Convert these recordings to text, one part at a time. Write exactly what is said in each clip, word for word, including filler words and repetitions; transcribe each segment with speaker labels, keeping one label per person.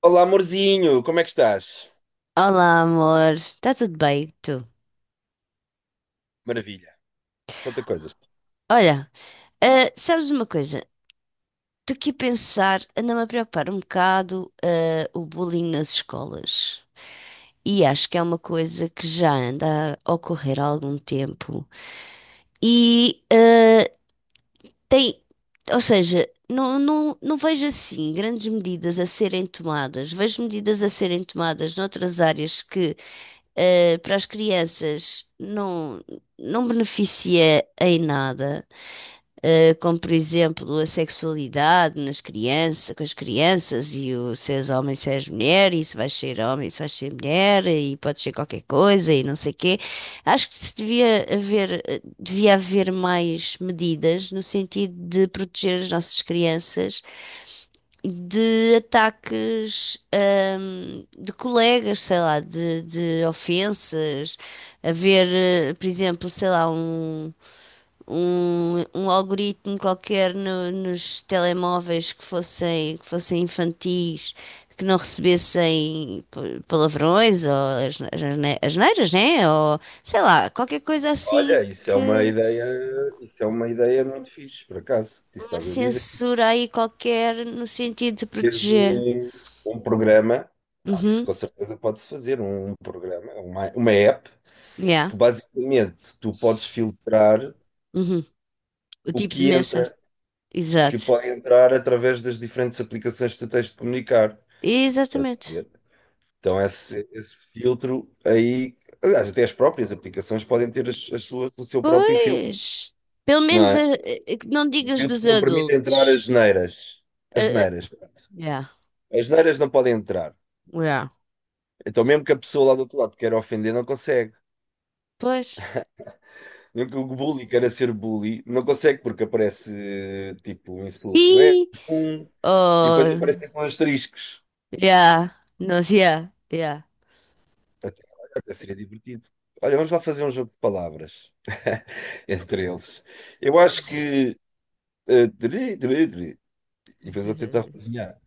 Speaker 1: Olá, amorzinho, como é que estás?
Speaker 2: Olá, amor. Está tudo bem? Tu?
Speaker 1: Maravilha, conta coisas.
Speaker 2: Olha, ah, sabes uma coisa? Estou aqui a pensar, anda-me a preocupar um bocado, ah, o bullying nas escolas. E acho que é uma coisa que já anda a ocorrer há algum tempo. E ah, tem, ou seja, não, não, não vejo assim grandes medidas a serem tomadas. Vejo medidas a serem tomadas noutras áreas que ah, para as crianças não, não beneficia em nada. Eh, como por exemplo a sexualidade nas crianças, com as crianças, e o se és homem, se és mulher, e se vais ser homem, se vais ser mulher, e pode ser qualquer coisa, e não sei quê. Acho que se devia haver, eh, devia haver mais medidas no sentido de proteger as nossas crianças de ataques, ahm, de colegas, sei lá, de, de ofensas. Haver, eh, por exemplo, sei lá, um um, um algoritmo qualquer no- nos telemóveis que fossem, que fossem infantis, que não recebessem pa- palavrões ou as, as, asne- asneiras, né? Ou sei lá, qualquer coisa assim
Speaker 1: Olha, isso é uma
Speaker 2: que
Speaker 1: ideia, isso é uma ideia muito fixe, por acaso, que
Speaker 2: uma
Speaker 1: estás a dizer.
Speaker 2: censura aí qualquer no sentido de
Speaker 1: Teres
Speaker 2: proteger.
Speaker 1: um, um programa, isso com
Speaker 2: Uhum.
Speaker 1: certeza pode-se fazer, um um programa, uma, uma app,
Speaker 2: Yeah.
Speaker 1: que basicamente tu podes filtrar
Speaker 2: Uhum. O
Speaker 1: o
Speaker 2: tipo de
Speaker 1: que
Speaker 2: mensagem.
Speaker 1: entra, que
Speaker 2: Exato.
Speaker 1: pode entrar através das diferentes aplicações que tu tens de comunicar. Estás a
Speaker 2: Exatamente.
Speaker 1: ver? Então esse, esse filtro aí, aliás, até as próprias aplicações podem ter as, as suas, o seu próprio filtro.
Speaker 2: Pois. Pelo
Speaker 1: Não
Speaker 2: menos
Speaker 1: é?
Speaker 2: eh, eh, que não digas
Speaker 1: Filtros
Speaker 2: dos
Speaker 1: que não permitem entrar as
Speaker 2: adultos.
Speaker 1: neiras. As
Speaker 2: Eh, eh,
Speaker 1: neiras.
Speaker 2: Yeah,
Speaker 1: As neiras não podem entrar.
Speaker 2: yeah.
Speaker 1: Então, mesmo que a pessoa lá do outro lado queira ofender, não consegue.
Speaker 2: Pois.
Speaker 1: Mesmo que o bully queira ser bully, não consegue porque aparece tipo um insulto. É
Speaker 2: E
Speaker 1: um. E depois
Speaker 2: oh,
Speaker 1: aparecem com asteriscos.
Speaker 2: yeah, nós yeah, yeah,
Speaker 1: Até, até seria divertido. Olha, vamos lá fazer um jogo de palavras entre eles. Eu acho que. eh, tri, tri, tri. E depois eu tentar adivinhar.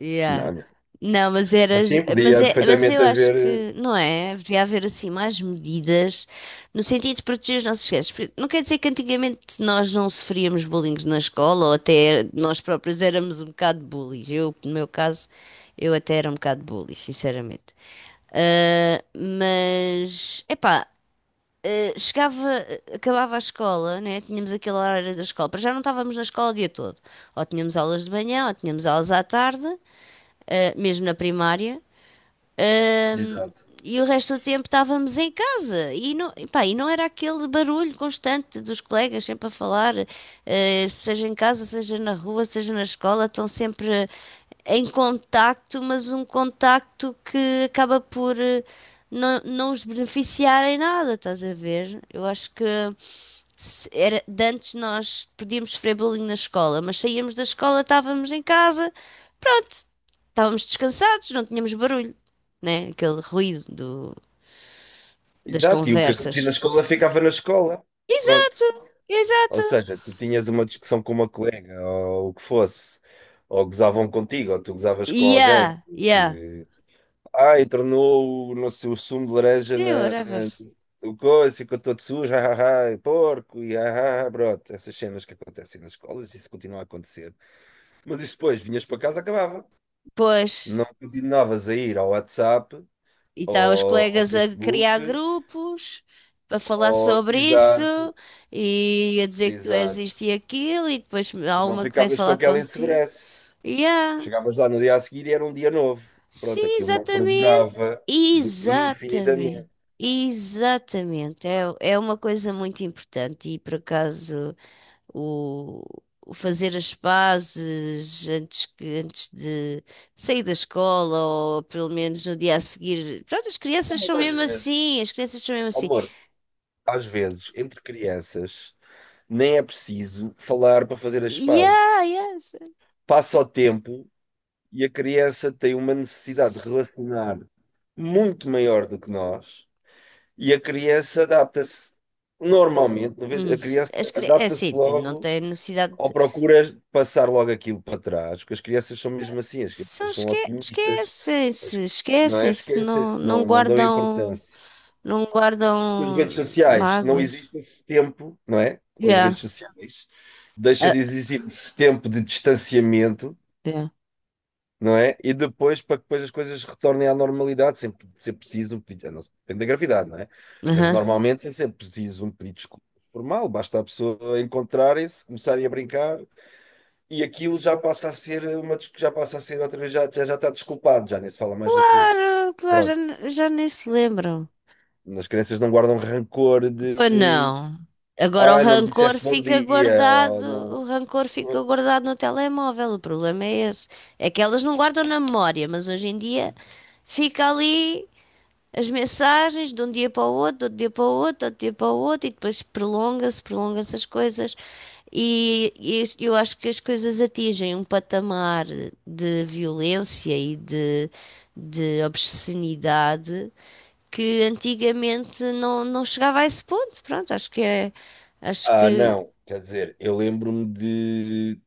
Speaker 2: yeah.
Speaker 1: Não, não.
Speaker 2: Não, mas
Speaker 1: Mas
Speaker 2: eras,
Speaker 1: sim, podia
Speaker 2: mas é, mas eu
Speaker 1: perfeitamente
Speaker 2: acho
Speaker 1: haver.
Speaker 2: que não é, devia haver assim mais medidas no sentido de proteger os nossos gestos. Porque não quer dizer que antigamente nós não sofríamos bullying na escola ou até nós próprios éramos um bocado bullies. Eu, no meu caso, eu até era um bocado bully, sinceramente. Ah, mas, epá, eh, chegava, eh, acabava a escola, né? Tínhamos aquele horário da escola, para já não estávamos na escola o dia todo. Ou tínhamos aulas de manhã, ou tínhamos aulas à tarde, eh, mesmo na primária. Ahm,
Speaker 1: Exato.
Speaker 2: e o resto do tempo estávamos em casa e não, e pá, e não era aquele barulho constante dos colegas sempre a falar, eh, seja em casa, seja na rua, seja na escola, estão sempre em contacto, mas um contacto que acaba por eh, não, não os beneficiar em nada, estás a ver? Eu acho que se era, de antes nós podíamos sofrer bullying na escola, mas saíamos da escola, estávamos em casa estávamos descansados, não tínhamos barulho, né? Aquele ruído do, das
Speaker 1: Exato, e o que
Speaker 2: conversas.
Speaker 1: acontecia na escola ficava na escola. Pronto.
Speaker 2: Exato,
Speaker 1: Ou
Speaker 2: exato.
Speaker 1: seja, tu tinhas uma discussão com uma colega ou o que fosse, ou gozavam contigo, ou tu gozavas com alguém,
Speaker 2: Yeah, yeah.
Speaker 1: porque ai, tornou o, não sei, o sumo de laranja
Speaker 2: Yeah,
Speaker 1: na
Speaker 2: whatever.
Speaker 1: o coisa, ficou todo sujo, ah, ah, ah, porco, e ah, ah, ah", pronto, essas cenas que acontecem nas escolas, isso continua a acontecer. Mas isso depois, vinhas para casa, acabava.
Speaker 2: Pois,
Speaker 1: Não continuavas a ir ao WhatsApp,
Speaker 2: e está os
Speaker 1: ou ao
Speaker 2: colegas a criar
Speaker 1: Facebook,
Speaker 2: grupos, a falar
Speaker 1: ou
Speaker 2: sobre isso,
Speaker 1: exato.
Speaker 2: e a dizer que tu és
Speaker 1: Exato.
Speaker 2: isto e aquilo, e depois há
Speaker 1: Não
Speaker 2: uma que vem
Speaker 1: ficavas com
Speaker 2: falar
Speaker 1: aquela
Speaker 2: contigo.
Speaker 1: insegurança.
Speaker 2: Yeah.
Speaker 1: Chegavas lá no dia a seguir e era um dia novo.
Speaker 2: Sim,
Speaker 1: Pronto, aquilo não
Speaker 2: exatamente.
Speaker 1: perdurava de-
Speaker 2: Exatamente.
Speaker 1: infinitamente.
Speaker 2: Exatamente. É, é uma coisa muito importante e por acaso o, o fazer as pazes antes, que- antes de sair da escola ou pelo menos no dia a seguir. Pronto, as
Speaker 1: Não,
Speaker 2: crianças
Speaker 1: mas
Speaker 2: são
Speaker 1: às
Speaker 2: mesmo
Speaker 1: vezes,
Speaker 2: assim, as crianças são mesmo
Speaker 1: oh,
Speaker 2: assim.
Speaker 1: amor, às vezes, entre crianças, nem é preciso falar para fazer as pazes.
Speaker 2: Yeah, yes.
Speaker 1: Passa o tempo e a criança tem uma necessidade de relacionar muito maior do que nós e a criança adapta-se normalmente, noventa
Speaker 2: Hum,
Speaker 1: a
Speaker 2: as
Speaker 1: criança
Speaker 2: cri- é assim,
Speaker 1: adapta-se
Speaker 2: tem- não
Speaker 1: logo
Speaker 2: tem necessidade
Speaker 1: ou
Speaker 2: de.
Speaker 1: procuras passar logo aquilo para trás, porque as crianças são mesmo assim, as
Speaker 2: Só
Speaker 1: crianças são
Speaker 2: esque,
Speaker 1: otimistas, as-
Speaker 2: esquecem-se,
Speaker 1: não é?
Speaker 2: esquecem-se, não,
Speaker 1: Esquecem-se,
Speaker 2: não
Speaker 1: não, não dão
Speaker 2: guardam,
Speaker 1: importância.
Speaker 2: não
Speaker 1: Com as redes
Speaker 2: guardam
Speaker 1: sociais não
Speaker 2: mágoas.
Speaker 1: existe esse tempo, não é? Com as
Speaker 2: Yeah.
Speaker 1: redes sociais deixa
Speaker 2: Ah,
Speaker 1: de existir esse tempo de distanciamento,
Speaker 2: yeah.
Speaker 1: não é? E depois, para que depois as coisas retornem à normalidade, sempre ser preciso um pedido, a não ser- depende da gravidade, não é? Mas
Speaker 2: Aham.
Speaker 1: normalmente é sempre preciso um pedido de desculpa formal, basta a pessoa encontrarem-se, começarem a brincar. E aquilo já passa a ser uma, dis- já passa a ser outra vez, já, já, já está desculpado, já nem se fala mais daquilo.
Speaker 2: Claro, claro, já,
Speaker 1: Pronto.
Speaker 2: ne- já nem se lembram.
Speaker 1: As crianças não guardam rancor de,
Speaker 2: Pois
Speaker 1: de
Speaker 2: não. Agora o
Speaker 1: ah, não me
Speaker 2: rancor
Speaker 1: disseste bom
Speaker 2: fica
Speaker 1: dia, ou
Speaker 2: guardado, o
Speaker 1: não.
Speaker 2: rancor fica guardado no telemóvel. O problema é esse. É que elas não guardam na memória, mas hoje em dia fica ali as mensagens de um dia para o outro, de outro dia para o outro, de outro dia para o outro, e depois prolonga-se, prolongam-se as coisas. E, e isto- eu acho que as coisas atingem um patamar de violência e de, de obscenidade que antigamente não, não chegava a esse ponto. Pronto, acho que é. Acho
Speaker 1: Ah,
Speaker 2: que.
Speaker 1: não. Quer dizer, eu lembro-me de,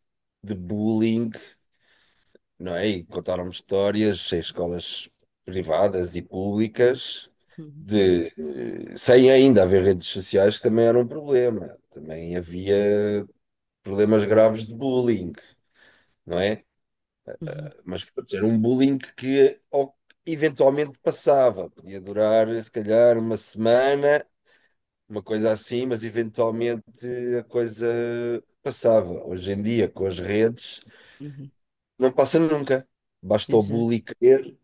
Speaker 1: de bullying, não é? E contaram-me histórias em escolas privadas e públicas,
Speaker 2: Uhum,
Speaker 1: de, eh, sem ainda haver redes sociais, que também era um problema. Também havia problemas graves de bullying, não é?
Speaker 2: uhum,
Speaker 1: Mas portanto, era um bullying que ao- eventualmente passava. Podia durar, se calhar, uma semana, uma coisa assim, mas eventualmente a coisa passava. Hoje em dia, com as redes,
Speaker 2: uhum,
Speaker 1: não passa nunca. Basta o
Speaker 2: exato.
Speaker 1: bully querer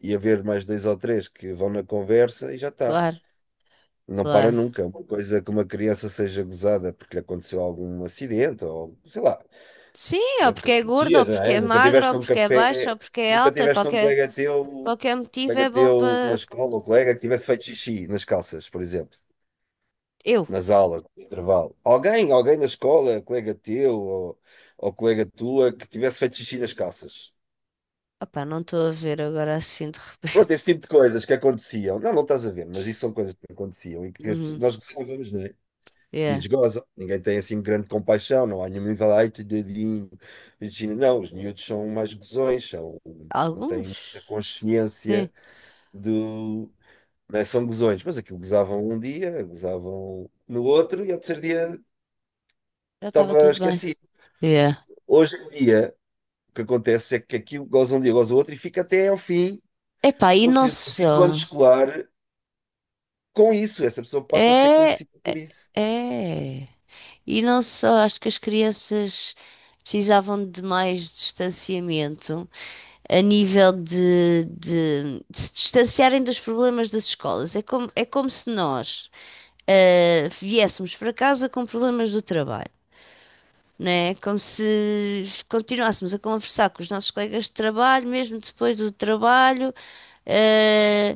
Speaker 1: e haver mais dois ou três que vão na conversa e já está.
Speaker 2: Claro,
Speaker 1: Não para
Speaker 2: claro.
Speaker 1: nunca. Uma coisa que uma criança seja gozada porque lhe aconteceu algum acidente ou sei lá. Por
Speaker 2: Sim, ou
Speaker 1: exemplo, que
Speaker 2: porque é gordo
Speaker 1: acontecia,
Speaker 2: ou
Speaker 1: não
Speaker 2: porque
Speaker 1: é?
Speaker 2: é
Speaker 1: Nunca
Speaker 2: magro
Speaker 1: tiveste
Speaker 2: ou
Speaker 1: um
Speaker 2: porque é baixo
Speaker 1: café,
Speaker 2: ou porque é
Speaker 1: nunca
Speaker 2: alta,
Speaker 1: tiveste um
Speaker 2: qualquer,
Speaker 1: colega teu,
Speaker 2: qualquer motivo
Speaker 1: colega
Speaker 2: é bom
Speaker 1: teu na
Speaker 2: para.
Speaker 1: escola, ou colega que tivesse feito xixi nas calças, por exemplo,
Speaker 2: Eu.
Speaker 1: nas aulas, no intervalo. Alguém, alguém na escola, colega teu ou, ou colega tua, que tivesse feito xixi nas calças.
Speaker 2: Opá, não estou a ver agora assim de repente.
Speaker 1: Pronto, esse tipo de coisas que aconteciam. Não, não estás a ver, mas isso são coisas que aconteciam e que as pessoas-
Speaker 2: Uhum,
Speaker 1: nós gostávamos, não é? Os
Speaker 2: yeah.
Speaker 1: miúdos gozam, ninguém tem assim grande compaixão, não há nenhum nível, ai, teu dedinho, Virginia. Não, os miúdos são mais gozões, são, não têm
Speaker 2: Alguns?
Speaker 1: muita consciência
Speaker 2: Sim,
Speaker 1: do. Né, são gozões, mas aquilo gozavam um dia, gozavam no outro e ao terceiro dia
Speaker 2: já estava
Speaker 1: estava
Speaker 2: tudo bem.
Speaker 1: esquecido.
Speaker 2: Yeah.
Speaker 1: Hoje em dia, o que acontece é que aquilo goza um dia, goza o outro e fica até ao fim.
Speaker 2: Epá, e
Speaker 1: Estou
Speaker 2: não
Speaker 1: precisando do fim do ano
Speaker 2: só.
Speaker 1: escolar com isso. Essa pessoa passa a ser
Speaker 2: É.
Speaker 1: conhecida
Speaker 2: É.
Speaker 1: por isso.
Speaker 2: É. E não só, acho que as crianças precisavam de mais distanciamento a nível de, de- de se distanciarem dos problemas das escolas. É como, é como se nós ah, viéssemos para casa com problemas do trabalho. Né? Como se continuássemos a conversar com os nossos colegas de trabalho, mesmo depois do trabalho, eh,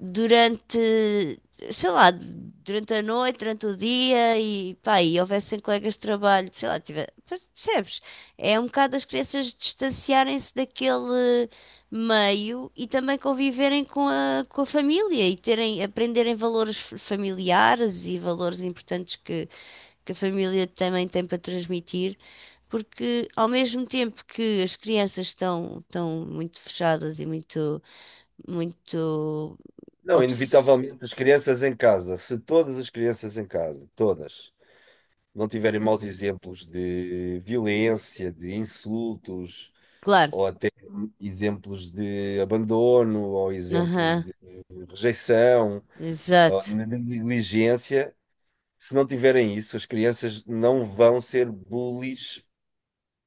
Speaker 2: durante, sei lá, durante a noite, durante o dia e pá, e houvessem colegas de trabalho, sei lá, tiver, percebes? É um bocado as crianças distanciarem-se daquele meio e também conviverem com a, com a família e terem, aprenderem valores f- familiares e valores importantes que, que a família também tem para transmitir. Porque ao mesmo tempo que as crianças estão, estão muito fechadas e muito, muito
Speaker 1: Não,
Speaker 2: obs-
Speaker 1: inevitavelmente, as crianças em casa, se todas as crianças em casa, todas, não tiverem maus exemplos de violência, de insultos,
Speaker 2: Claro.
Speaker 1: ou até exemplos de abandono, ou exemplos
Speaker 2: Aham.
Speaker 1: de rejeição, ou de
Speaker 2: Exato.
Speaker 1: negligência, se não tiverem isso, as crianças não vão ser bullies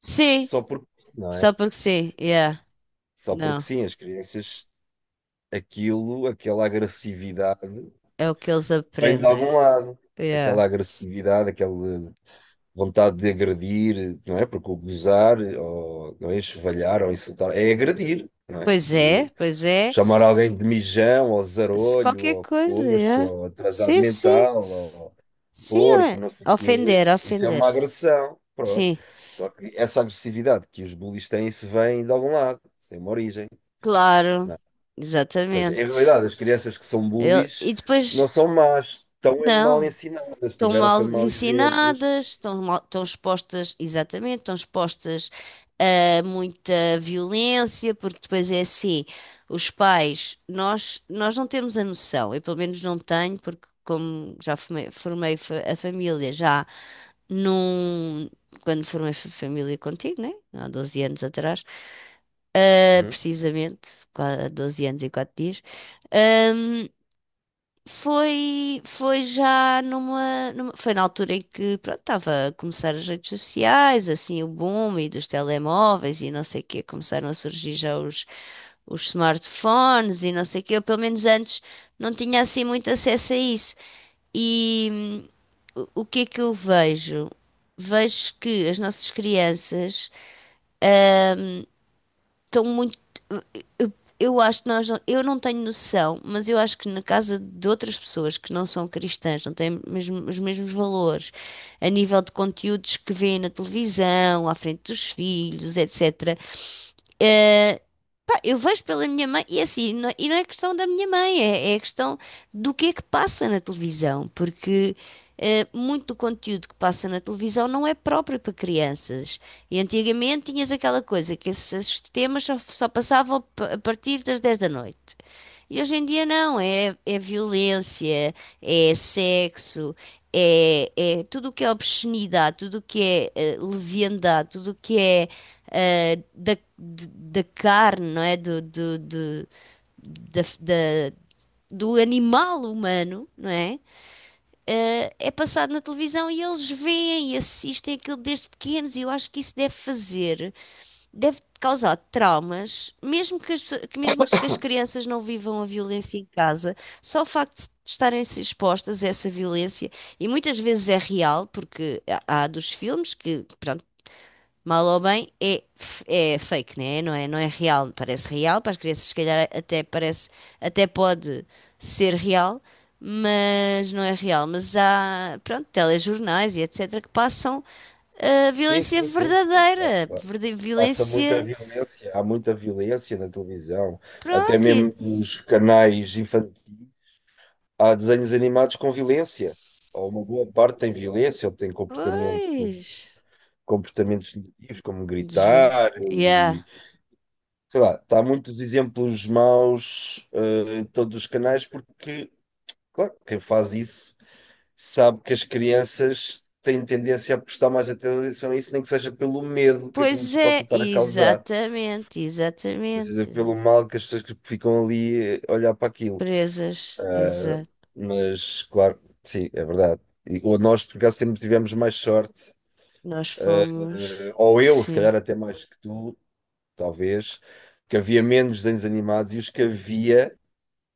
Speaker 2: Sim.
Speaker 1: só porque, não
Speaker 2: Só
Speaker 1: é?
Speaker 2: porque sim. Yeah.
Speaker 1: Só porque
Speaker 2: Não.
Speaker 1: sim, as crianças, aquilo, aquela agressividade,
Speaker 2: É o que eles
Speaker 1: vem de
Speaker 2: aprendem.
Speaker 1: algum lado. Aquela
Speaker 2: Yeah.
Speaker 1: agressividade, aquele vontade de agredir, não é? Porque o gozar, ou não é? Enxovalhar ou insultar, é agredir, não é?
Speaker 2: Pois é,
Speaker 1: Aquilo,
Speaker 2: pois é.
Speaker 1: chamar alguém de mijão, ou
Speaker 2: Se
Speaker 1: zarolho,
Speaker 2: qualquer
Speaker 1: ou
Speaker 2: coisa,
Speaker 1: coxo,
Speaker 2: yeah.
Speaker 1: ou atrasado
Speaker 2: Sim, sim.
Speaker 1: mental, ou
Speaker 2: Sim,
Speaker 1: porco,
Speaker 2: é.
Speaker 1: não sei o quê,
Speaker 2: Ofender,
Speaker 1: isso é
Speaker 2: ofender.
Speaker 1: uma agressão, pronto.
Speaker 2: Sim.
Speaker 1: Então, essa agressividade que os bullies têm, se vem de algum lado, tem uma origem,
Speaker 2: Claro.
Speaker 1: não é? Ou seja, em
Speaker 2: Exatamente.
Speaker 1: realidade, as crianças que são
Speaker 2: Ele. E
Speaker 1: bullies não
Speaker 2: depois,
Speaker 1: são más, estão é mal
Speaker 2: não.
Speaker 1: ensinadas,
Speaker 2: Estão
Speaker 1: tiveram
Speaker 2: mal
Speaker 1: foi mal exemplos.
Speaker 2: ensinadas, estão mal, estão expostas, exatamente, estão expostas eh, muita violência, porque depois é assim, os pais, nós, nós não temos a noção, eu pelo menos não tenho, porque como já formei, formei fa- a família, já num, quando formei fa- família contigo, né? Há doze anos atrás, eh,
Speaker 1: Uhum.
Speaker 2: precisamente, qua- doze anos e quatro dias, hum, foi, foi já numa, numa- Foi na altura em que, pronto, estava a começar as redes sociais, assim, o boom e dos telemóveis e não sei o quê. Começaram a surgir já os, os smartphones e não sei o quê. Eu, pelo menos antes, não tinha assim muito acesso a isso. E hum, o o que é que eu vejo? Vejo que as nossas crianças estão muito. Eu, eu acho que nós. não- Eu não tenho noção, mas eu acho que na casa de outras pessoas que não são cristãs, não têm mesmo- os mesmos valores, a nível de conteúdos que vêem na televisão, à frente dos filhos, etcétera. Pá, eu vejo pela minha mãe, e é assim, não, é, e não é questão da minha mãe, é, é questão do que é que passa na televisão, porque eh, muito do conteúdo que passa na televisão não é próprio para crianças. E antigamente tinhas aquela coisa que esses, esses temas só, só passavam p- a partir das dez da noite. E hoje em dia não, é, é violência, é sexo, é, é tudo o que é obscenidade, tudo o que é eh, leviandade, tudo o que é eh, da, de- da carne, não é? Do, do, do, da, da- do animal humano, não é? Eh, é passado na televisão e eles veem e assistem aquilo desde pequenos e eu acho que isso deve fazer deve causar traumas, mesmo que as, pesso- que mesmo que as crianças não vivam a violência em casa, só o facto de estarem expostas a essa violência, e muitas vezes é real, porque há há dos filmes que, pronto, mal ou bem, é, f- é fake, né? Não é, não é real, parece real, para as crianças se calhar até parece, até pode ser real, mas não é real. Mas há, pronto, telejornais e etcétera que passam a
Speaker 1: Sim,
Speaker 2: violência
Speaker 1: sim, sim, sim, claro,
Speaker 2: verdadeira,
Speaker 1: claro.
Speaker 2: verde-
Speaker 1: Passa muita
Speaker 2: violência.
Speaker 1: violência, há muita violência na televisão, até
Speaker 2: Pronto, e-
Speaker 1: mesmo nos canais infantis, há desenhos animados com violência, ou uma boa parte tem violência, ou tem comportamento,
Speaker 2: pois.
Speaker 1: comportamentos negativos, como
Speaker 2: Desvi.
Speaker 1: gritar
Speaker 2: Yeah.
Speaker 1: e sei lá, há muitos exemplos maus eh, em todos os canais, porque, claro, quem faz isso sabe que as crianças têm tendência a prestar mais atenção a isso, nem que seja pelo medo que aquilo
Speaker 2: Pois
Speaker 1: lhes possa
Speaker 2: é,
Speaker 1: estar a causar.
Speaker 2: exatamente,
Speaker 1: Ou seja,
Speaker 2: exatamente. exa-
Speaker 1: pelo mal que as pessoas que ficam ali a olhar para aquilo.
Speaker 2: Presas, exato.
Speaker 1: Mas, claro, sim, é verdade. E, ou nós, por acaso, sempre tivemos mais sorte,
Speaker 2: Nós fomos,
Speaker 1: eh, ou eu, se
Speaker 2: sim.
Speaker 1: calhar até mais que tu, talvez, que havia menos desenhos animados e os que havia,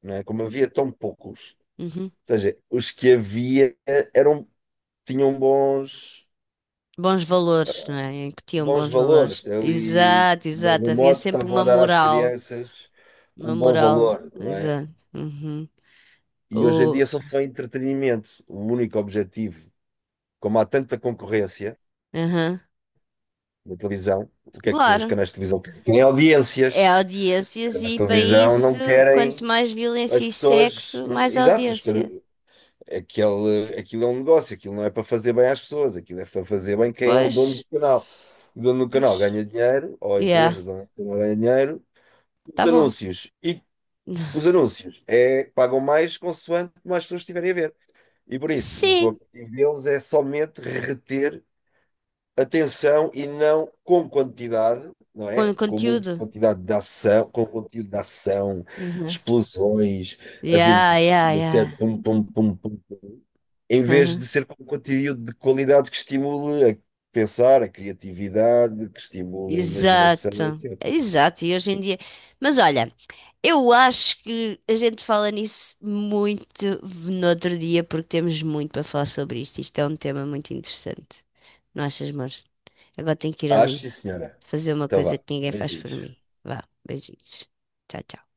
Speaker 1: não é? Como havia tão poucos,
Speaker 2: Uhum.
Speaker 1: ou seja, os que havia eram, tinham bons,
Speaker 2: Bons valores, não é? Em que tinham
Speaker 1: bons
Speaker 2: bons valores.
Speaker 1: valores, ali,
Speaker 2: Exato,
Speaker 1: de
Speaker 2: exato.
Speaker 1: algum
Speaker 2: Havia
Speaker 1: modo,
Speaker 2: sempre
Speaker 1: estavam a
Speaker 2: uma
Speaker 1: dar às
Speaker 2: moral.
Speaker 1: crianças um
Speaker 2: Uma
Speaker 1: bom
Speaker 2: moral,
Speaker 1: valor, não é?
Speaker 2: exato. Uhum.
Speaker 1: E hoje em
Speaker 2: O,
Speaker 1: dia só foi entretenimento, o único objetivo, como há tanta concorrência
Speaker 2: aham.
Speaker 1: na televisão, o que é que os
Speaker 2: Claro.
Speaker 1: canais de televisão querem? Querem
Speaker 2: É
Speaker 1: audiências. Os
Speaker 2: audiências
Speaker 1: canais de
Speaker 2: e para
Speaker 1: televisão
Speaker 2: isso,
Speaker 1: não
Speaker 2: quanto
Speaker 1: querem
Speaker 2: mais violência
Speaker 1: as
Speaker 2: e
Speaker 1: pessoas.
Speaker 2: sexo,
Speaker 1: Não,
Speaker 2: mais
Speaker 1: exato, os can-
Speaker 2: audiência.
Speaker 1: aquele, aquilo é um negócio, aquilo não é para fazer bem às pessoas, aquilo é para fazer bem quem é o dono do
Speaker 2: Pois.
Speaker 1: canal. O dono do canal
Speaker 2: Mas-
Speaker 1: ganha dinheiro, ou a
Speaker 2: Yeah,
Speaker 1: empresa dona do canal ganha dinheiro, com os
Speaker 2: tá bom.
Speaker 1: anúncios. E os anúncios é, pagam mais consoante mais pessoas estiverem a ver. E por isso, o
Speaker 2: Sim,
Speaker 1: objetivo deles é somente reter atenção e não com quantidade, não é?
Speaker 2: com
Speaker 1: Com muita
Speaker 2: conteúdo.
Speaker 1: quantidade de ação, com conteúdo de ação,
Speaker 2: Uhum.
Speaker 1: explosões,
Speaker 2: Yeah,
Speaker 1: aventuras,
Speaker 2: yeah, yeah.
Speaker 1: certo? Pum, pum, pum, pum. pum. Em vez
Speaker 2: Uhum.
Speaker 1: de ser com conteúdo de qualidade que estimule a pensar, a criatividade, que estimule a imaginação,
Speaker 2: Exato,
Speaker 1: etcétera.
Speaker 2: exato. E hoje em dia. Mas olha, eu acho que a gente fala nisso muito no outro dia, porque temos muito para falar sobre isto. Isto é um tema muito interessante. Não achas, amor? Agora tenho que ir
Speaker 1: Acho,
Speaker 2: ali
Speaker 1: sim, senhora.
Speaker 2: fazer uma
Speaker 1: Então
Speaker 2: coisa
Speaker 1: vá,
Speaker 2: que ninguém faz por
Speaker 1: beijinhos.
Speaker 2: mim. Vá, beijinhos. Tchau, tchau.